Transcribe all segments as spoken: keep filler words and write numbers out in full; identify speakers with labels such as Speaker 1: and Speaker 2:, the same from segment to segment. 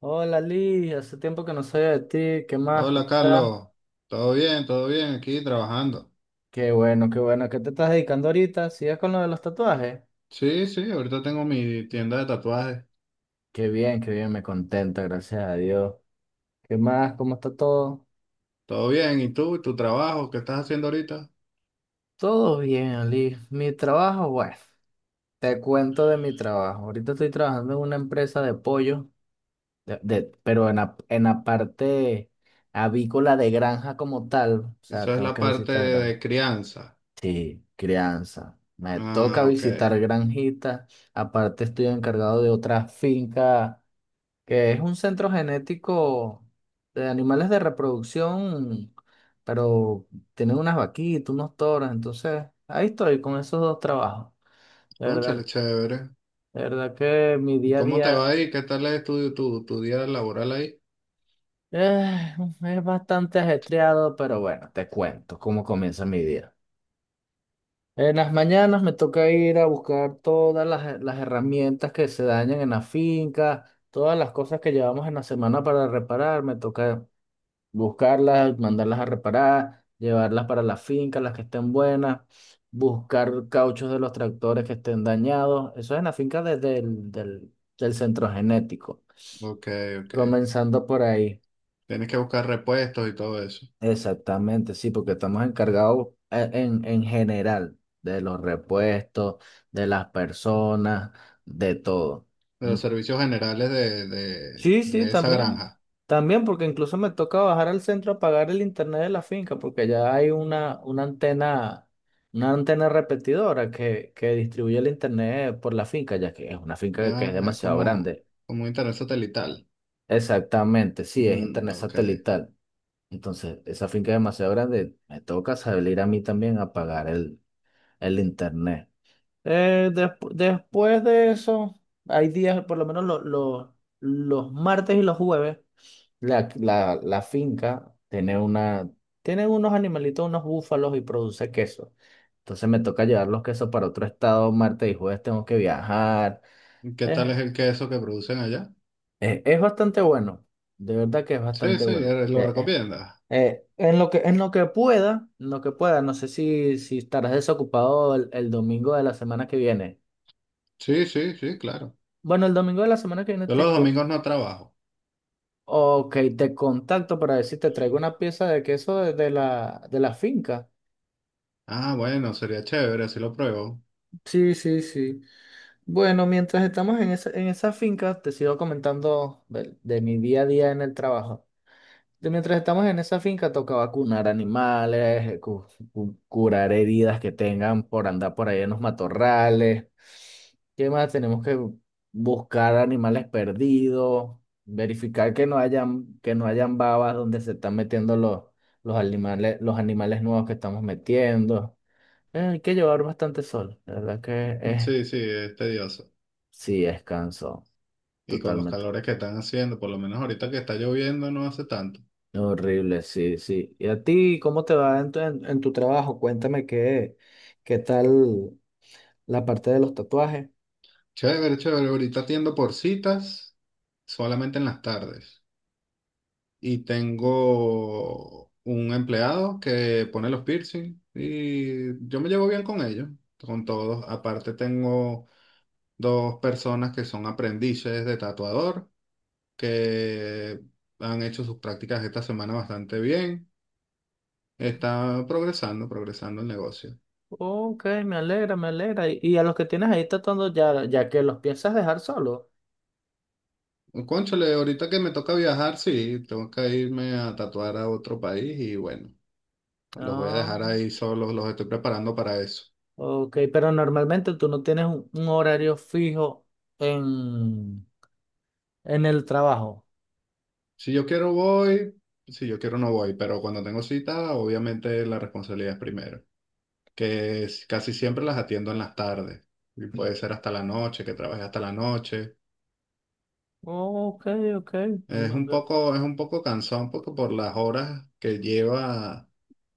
Speaker 1: Hola Liz, hace tiempo que no soy de ti, ¿qué más?
Speaker 2: Hola
Speaker 1: ¿Cómo estás?
Speaker 2: Carlos, todo bien, todo bien, aquí trabajando.
Speaker 1: Qué bueno, qué bueno, ¿qué te estás dedicando ahorita? ¿Sigues con lo de los tatuajes?
Speaker 2: Sí, sí, ahorita tengo mi tienda de tatuajes.
Speaker 1: Qué bien, qué bien, me contenta, gracias a Dios. ¿Qué más? ¿Cómo está todo?
Speaker 2: Todo bien, ¿y tú, tu trabajo, qué estás haciendo ahorita?
Speaker 1: Todo bien, Liz. Mi trabajo, bueno, te cuento de mi trabajo. Ahorita estoy trabajando en una empresa de pollo, de- de- pero en la, en la parte avícola de granja como tal, o sea,
Speaker 2: Eso es
Speaker 1: tengo
Speaker 2: la
Speaker 1: que
Speaker 2: parte
Speaker 1: visitar granja.
Speaker 2: de crianza.
Speaker 1: Sí, crianza. Me toca
Speaker 2: Ah, ok.
Speaker 1: visitar granjitas. Aparte estoy encargado de otra finca que es un centro genético de animales de reproducción, pero tienen unas vaquitas, unos toros. Entonces, ahí estoy con esos dos trabajos. De
Speaker 2: Cónchale,
Speaker 1: verdad,
Speaker 2: chévere.
Speaker 1: de verdad que mi
Speaker 2: ¿Y
Speaker 1: día a
Speaker 2: cómo te
Speaker 1: día
Speaker 2: va ahí? ¿Qué tal es tu, tu, tu día laboral ahí?
Speaker 1: eh, es bastante ajetreado, pero bueno, te cuento cómo comienza mi día. En las mañanas me toca ir a buscar todas las, las herramientas que se dañan en la finca, todas las cosas que llevamos en la semana para reparar, me toca buscarlas, mandarlas a reparar, llevarlas para la finca, las que estén buenas, buscar cauchos de los tractores que estén dañados. Eso es en la finca desde el del, del centro genético,
Speaker 2: Ok, ok.
Speaker 1: comenzando por ahí.
Speaker 2: Tienes que buscar repuestos y todo eso.
Speaker 1: Exactamente, sí, porque estamos encargados eh, en, en general de los repuestos, de las personas, de todo.
Speaker 2: De
Speaker 1: Mm.
Speaker 2: los servicios generales de, de,
Speaker 1: Sí, sí,
Speaker 2: de esa
Speaker 1: también.
Speaker 2: granja.
Speaker 1: También porque incluso me toca bajar al centro a pagar el internet de la finca porque ya hay una, una antena, una antena repetidora que, que distribuye el internet por la finca, ya que es una finca que es
Speaker 2: Ah, es
Speaker 1: demasiado
Speaker 2: como,
Speaker 1: grande.
Speaker 2: como un internet satelital.
Speaker 1: Exactamente, sí, es
Speaker 2: Mm,
Speaker 1: internet
Speaker 2: ok.
Speaker 1: satelital. Entonces, esa finca es demasiado grande, me toca salir a mí también a pagar el, el internet. Eh, despu- después de eso, hay días, por lo menos lo- lo- los martes y los jueves, la, la, la finca tiene una, tiene unos animalitos, unos búfalos y produce queso. Entonces me toca llevar los quesos para otro estado, martes y jueves tengo que viajar.
Speaker 2: ¿Qué tal
Speaker 1: Es,
Speaker 2: es el queso que producen allá?
Speaker 1: es, es bastante bueno, de verdad que es
Speaker 2: Sí,
Speaker 1: bastante
Speaker 2: sí,
Speaker 1: bueno.
Speaker 2: eh, lo
Speaker 1: Eh,
Speaker 2: recomiendas.
Speaker 1: Eh, en lo que, en lo que pueda, en lo que pueda, no sé si, si estarás desocupado el, el domingo de la semana que viene.
Speaker 2: Sí, sí, sí, claro.
Speaker 1: Bueno, el domingo de la semana que viene
Speaker 2: Yo
Speaker 1: te,
Speaker 2: los
Speaker 1: co-
Speaker 2: domingos no trabajo.
Speaker 1: ok, te contacto para ver si te traigo una pieza de queso de, de la, de la finca.
Speaker 2: Ah, bueno, sería chévere, así lo pruebo.
Speaker 1: Sí, sí, sí. Bueno, mientras estamos en esa, en esa finca, te sigo comentando del- de mi día a día en el trabajo. De mientras estamos en esa finca, toca vacunar animales, eh, cu- cu- curar heridas que tengan por andar por ahí en los matorrales. ¿Qué más? Tenemos que buscar animales perdidos, verificar que no hayan, que no hayan babas donde se están metiendo los, los animales, los animales nuevos que estamos metiendo. Eh, hay que llevar bastante sol, la verdad que es,
Speaker 2: Sí, sí, es tedioso.
Speaker 1: sí, es cansón,
Speaker 2: Y con los
Speaker 1: totalmente.
Speaker 2: calores que están haciendo, por lo menos ahorita que está lloviendo no hace tanto.
Speaker 1: Horrible, sí, sí. ¿Y a ti cómo te va en tu, en, en tu trabajo? Cuéntame qué, qué tal la parte de los tatuajes.
Speaker 2: Chévere, chévere. Ahorita atiendo por citas solamente en las tardes. Y tengo un empleado que pone los piercing y yo me llevo bien con ellos, con todos. Aparte tengo dos personas que son aprendices de tatuador, que han hecho sus prácticas esta semana bastante bien. Está progresando, progresando el negocio.
Speaker 1: Ok, me alegra, me alegra. Y, y a los que tienes ahí tatuando, ya, ya que los piensas dejar solos.
Speaker 2: Cónchale, ahorita que me toca viajar, sí, tengo que irme a tatuar a otro país y bueno, los voy a
Speaker 1: Ah,
Speaker 2: dejar ahí solos, los estoy preparando para eso.
Speaker 1: ok, pero normalmente tú no tienes un, un horario fijo en, en el trabajo.
Speaker 2: Si yo quiero voy, si yo quiero no voy, pero cuando tengo cita, obviamente la responsabilidad es primero, que es- casi siempre las atiendo en las tardes y puede ser hasta la noche, que trabaje hasta la noche.
Speaker 1: Ok, ok.
Speaker 2: Es un poco, es un poco cansado, un poco por las horas que lleva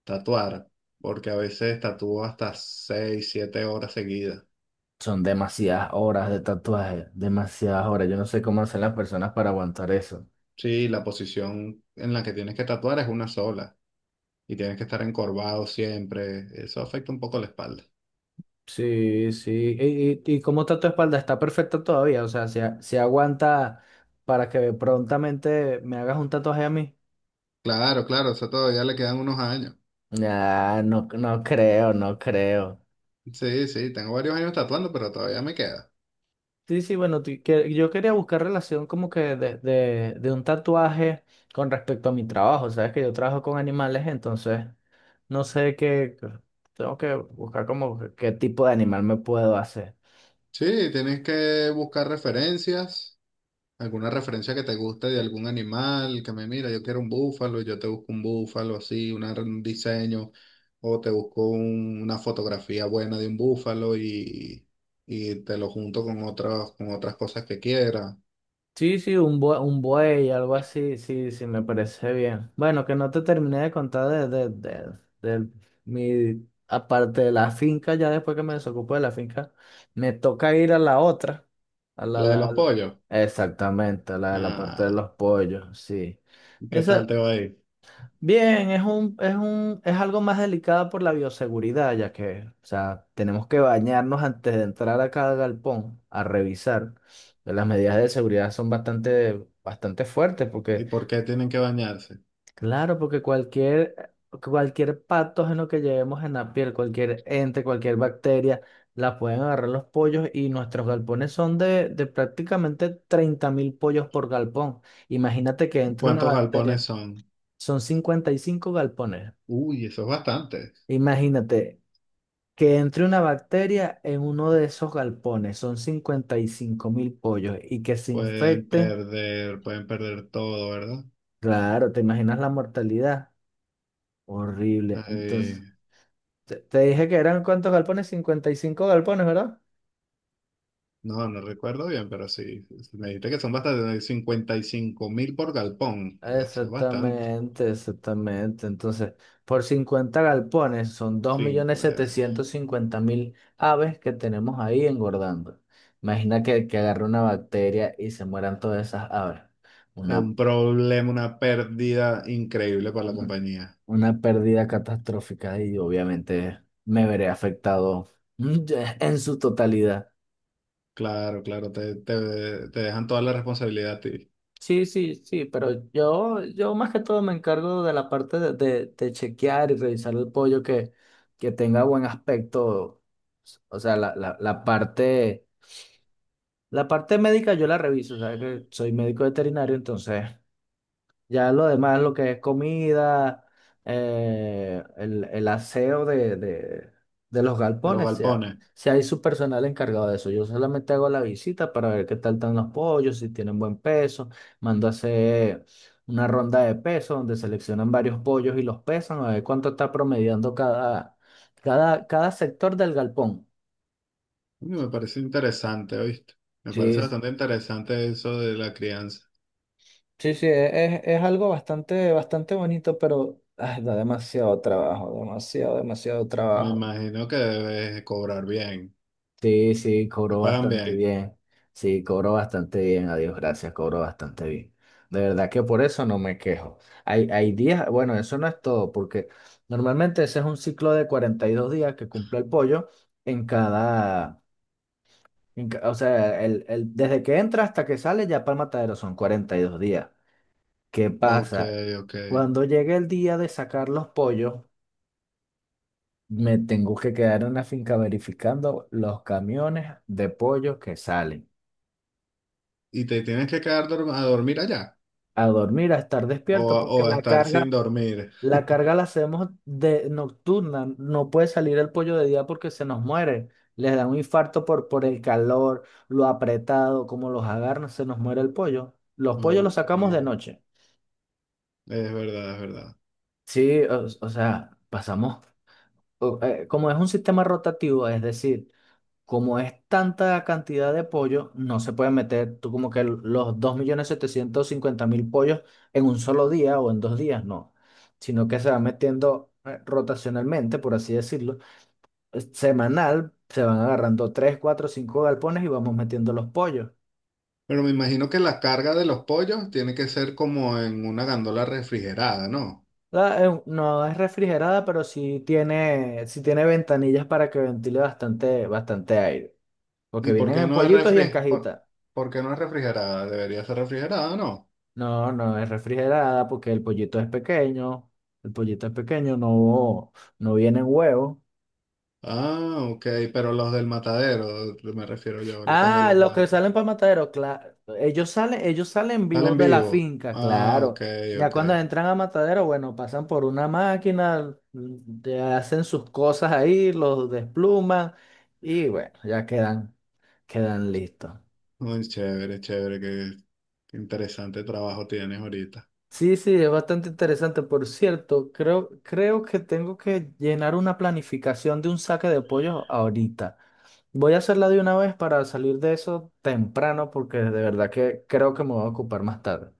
Speaker 2: tatuar, porque a veces tatúo hasta seis siete horas seguidas.
Speaker 1: Son demasiadas horas de tatuaje, demasiadas horas. Yo no sé cómo hacen las personas para aguantar eso.
Speaker 2: Sí, la posición en la que tienes que tatuar es una sola y tienes que estar encorvado siempre. Eso afecta un poco la espalda.
Speaker 1: Sí, sí. ¿Y, y- y cómo está tu espalda? ¿Está perfecta todavía? O sea, ¿se, a- se aguanta para que prontamente me hagas un tatuaje a mí?
Speaker 2: Claro, claro, eso todavía le quedan unos años.
Speaker 1: Ah, no, no creo, no creo.
Speaker 2: Sí, sí, tengo varios años tatuando, pero todavía me queda.
Speaker 1: Sí, sí, bueno, ti- que- yo quería buscar relación como que de, de, de un tatuaje con respecto a mi trabajo, sabes que yo trabajo con animales, entonces no sé qué, qué- tengo que buscar como que- qué tipo de animal me puedo hacer.
Speaker 2: Sí, tienes que buscar referencias. ¿Alguna referencia que te guste de algún animal? Que me mira, yo quiero un búfalo, y yo te busco un búfalo así, una- un diseño, o te busco un- una fotografía buena de un búfalo y, y te lo junto con otras, con otras cosas que quieras.
Speaker 1: Sí, sí, un buey, un buey, algo así, sí, sí, me parece bien. Bueno, que no te terminé de contar de, de, de, de mi, aparte de la finca, ya después que me desocupo de la finca, me toca ir a la otra, a
Speaker 2: ¿A
Speaker 1: la,
Speaker 2: la de
Speaker 1: la,
Speaker 2: los
Speaker 1: la-
Speaker 2: pollos?
Speaker 1: exactamente, a la de la parte de
Speaker 2: Ah,
Speaker 1: los pollos, sí.
Speaker 2: ¿qué tal
Speaker 1: Esa.
Speaker 2: te va a ir?
Speaker 1: Bien, es un, es un, es algo más delicado por la bioseguridad, ya que, o sea, tenemos que bañarnos antes de entrar a cada galpón a revisar. Las medidas de seguridad son bastante, bastante fuertes,
Speaker 2: ¿Y
Speaker 1: porque,
Speaker 2: por qué tienen que bañarse?
Speaker 1: claro, porque cualquier, cualquier patógeno que llevemos en la piel, cualquier ente, cualquier bacteria, la pueden agarrar los pollos y nuestros galpones son de, de prácticamente treinta mil pollos por galpón. Imagínate que entre una
Speaker 2: ¿Cuántos galpones
Speaker 1: bacteria,
Speaker 2: son?
Speaker 1: son cincuenta y cinco galpones.
Speaker 2: Uy, eso es bastante.
Speaker 1: Imagínate que entre una bacteria en uno de esos galpones, son cincuenta y cinco mil pollos, y que se
Speaker 2: Pueden
Speaker 1: infecten,
Speaker 2: perder, pueden perder todo, ¿verdad?
Speaker 1: claro, ¿te imaginas la mortalidad? Horrible. Entonces, te, te dije que eran cuántos galpones, cincuenta y cinco galpones, ¿verdad?
Speaker 2: No, no recuerdo bien, pero sí. Me dijiste que son bastante, cincuenta y cinco mil por galpón. Eso es bastante.
Speaker 1: Exactamente, exactamente. Entonces, por cincuenta galpones son dos millones
Speaker 2: Cinco, eh,
Speaker 1: setecientos cincuenta mil aves que tenemos ahí engordando. Imagina que, que agarre una bacteria y se mueran todas esas aves.
Speaker 2: es
Speaker 1: Una
Speaker 2: un problema, una pérdida increíble para la compañía.
Speaker 1: Una pérdida catastrófica y obviamente me veré afectado mm, ya, en su totalidad.
Speaker 2: Claro, claro, te, te, te dejan toda la responsabilidad a ti de
Speaker 1: Sí, sí, sí, pero yo, yo más que todo me encargo de la parte de, de, de chequear y revisar el pollo que, que tenga buen aspecto. O sea, la, la, la parte, la parte médica yo la reviso, o sea que soy médico veterinario, entonces ya lo demás, lo que es comida, eh, el, el aseo de, de, de los
Speaker 2: los
Speaker 1: galpones, si, ha-
Speaker 2: galpones.
Speaker 1: si hay su personal encargado de eso. Yo solamente hago la visita para ver qué tal están los pollos, si tienen buen peso. Mando a hacer una ronda de peso donde seleccionan varios pollos y los pesan, a ver cuánto está promediando cada, cada, cada sector del galpón.
Speaker 2: Coño, me parece interesante, ¿oíste? Me
Speaker 1: Sí,
Speaker 2: parece
Speaker 1: s-
Speaker 2: bastante interesante eso de la crianza.
Speaker 1: sí, sí, es, es- algo bastante, bastante bonito, pero ay, da demasiado trabajo, demasiado, demasiado
Speaker 2: Me
Speaker 1: trabajo.
Speaker 2: imagino que debes cobrar bien.
Speaker 1: Sí, sí,
Speaker 2: Te
Speaker 1: cobró
Speaker 2: pagan
Speaker 1: bastante
Speaker 2: bien.
Speaker 1: bien. Sí, cobró bastante bien, a Dios gracias, cobró bastante bien. De verdad que por eso no me quejo. Hay, hay días, bueno, eso no es todo, porque normalmente ese es un ciclo de cuarenta y dos días que cumple el pollo en cada, en ca- o sea, el, el- desde que entra hasta que sale ya para el matadero son cuarenta y dos días. ¿Qué
Speaker 2: Ok,
Speaker 1: pasa?
Speaker 2: ok.
Speaker 1: Cuando llegue el día de sacar los pollos, me tengo que quedar en la finca verificando los camiones de pollos que salen.
Speaker 2: ¿Y te tienes que quedar dorm- a dormir allá?
Speaker 1: A dormir, a estar
Speaker 2: O
Speaker 1: despierto,
Speaker 2: a,
Speaker 1: porque
Speaker 2: o a
Speaker 1: la
Speaker 2: estar sin
Speaker 1: carga,
Speaker 2: dormir.
Speaker 1: la carga la hacemos de nocturna, no puede salir el pollo de día porque se nos muere, les da un infarto por, por el calor, lo apretado, como los agarran, se nos muere el pollo. Los pollos
Speaker 2: Uy,
Speaker 1: los sacamos de
Speaker 2: sí,
Speaker 1: noche.
Speaker 2: es verdad, es verdad.
Speaker 1: Sí, o, o sea, pasamos, o- eh, como es un sistema rotativo, es decir, como es tanta cantidad de pollo, no se pueden meter tú como que los dos millones setecientos cincuenta mil pollos en un solo día o en dos días, no, sino que se van metiendo eh, rotacionalmente, por así decirlo, eh, semanal, se van agarrando tres, cuatro, cinco galpones y vamos metiendo los pollos.
Speaker 2: Pero me imagino que la carga de los pollos tiene que ser como en una gandola refrigerada, ¿no?
Speaker 1: La- eh, no es refrigerada, pero sí tiene, sí tiene ventanillas para que ventile bastante, bastante aire, porque
Speaker 2: ¿Y por
Speaker 1: vienen
Speaker 2: qué
Speaker 1: en
Speaker 2: no es
Speaker 1: pollitos y
Speaker 2: refri
Speaker 1: en
Speaker 2: por,
Speaker 1: cajitas.
Speaker 2: por qué no es refrigerada? Debería ser refrigerada, ¿no?
Speaker 1: No, no es refrigerada porque el pollito es pequeño. El pollito es pequeño, no, no vienen huevos.
Speaker 2: Ah, ok, pero los del matadero, me refiero yo, lo- cuando
Speaker 1: Ah,
Speaker 2: los
Speaker 1: los que
Speaker 2: mato.
Speaker 1: salen para matadero, claro. Ellos salen, ellos salen vivos
Speaker 2: Salen
Speaker 1: de la
Speaker 2: vivos.
Speaker 1: finca,
Speaker 2: Ah,
Speaker 1: claro.
Speaker 2: ok,
Speaker 1: Ya
Speaker 2: ok.
Speaker 1: cuando entran a matadero, bueno, pasan por una máquina, mm, te hacen sus cosas ahí, los despluman y bueno, ya quedan, quedan listos.
Speaker 2: Muy chévere, chévere, qué qué interesante trabajo tienes ahorita.
Speaker 1: Sí, sí, es bastante interesante. Por cierto, creo, creo que tengo que llenar una planificación de un saque de pollo ahorita. Voy a hacerla de una vez para salir de eso temprano porque de verdad que creo que me voy a ocupar más tarde.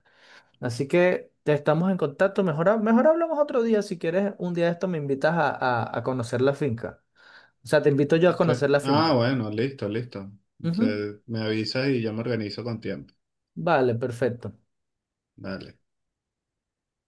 Speaker 1: Así que te estamos en contacto. Mejor, ha- mejor hablamos otro día. Si quieres, un día de esto me invitas a, a- a conocer la finca. O sea, te invito yo a conocer
Speaker 2: Ya.
Speaker 1: la
Speaker 2: Ah,
Speaker 1: finca.
Speaker 2: bueno, listo, listo.
Speaker 1: Ujú.
Speaker 2: Te- me avisas y yo me organizo con tiempo.
Speaker 1: Vale, perfecto.
Speaker 2: Dale.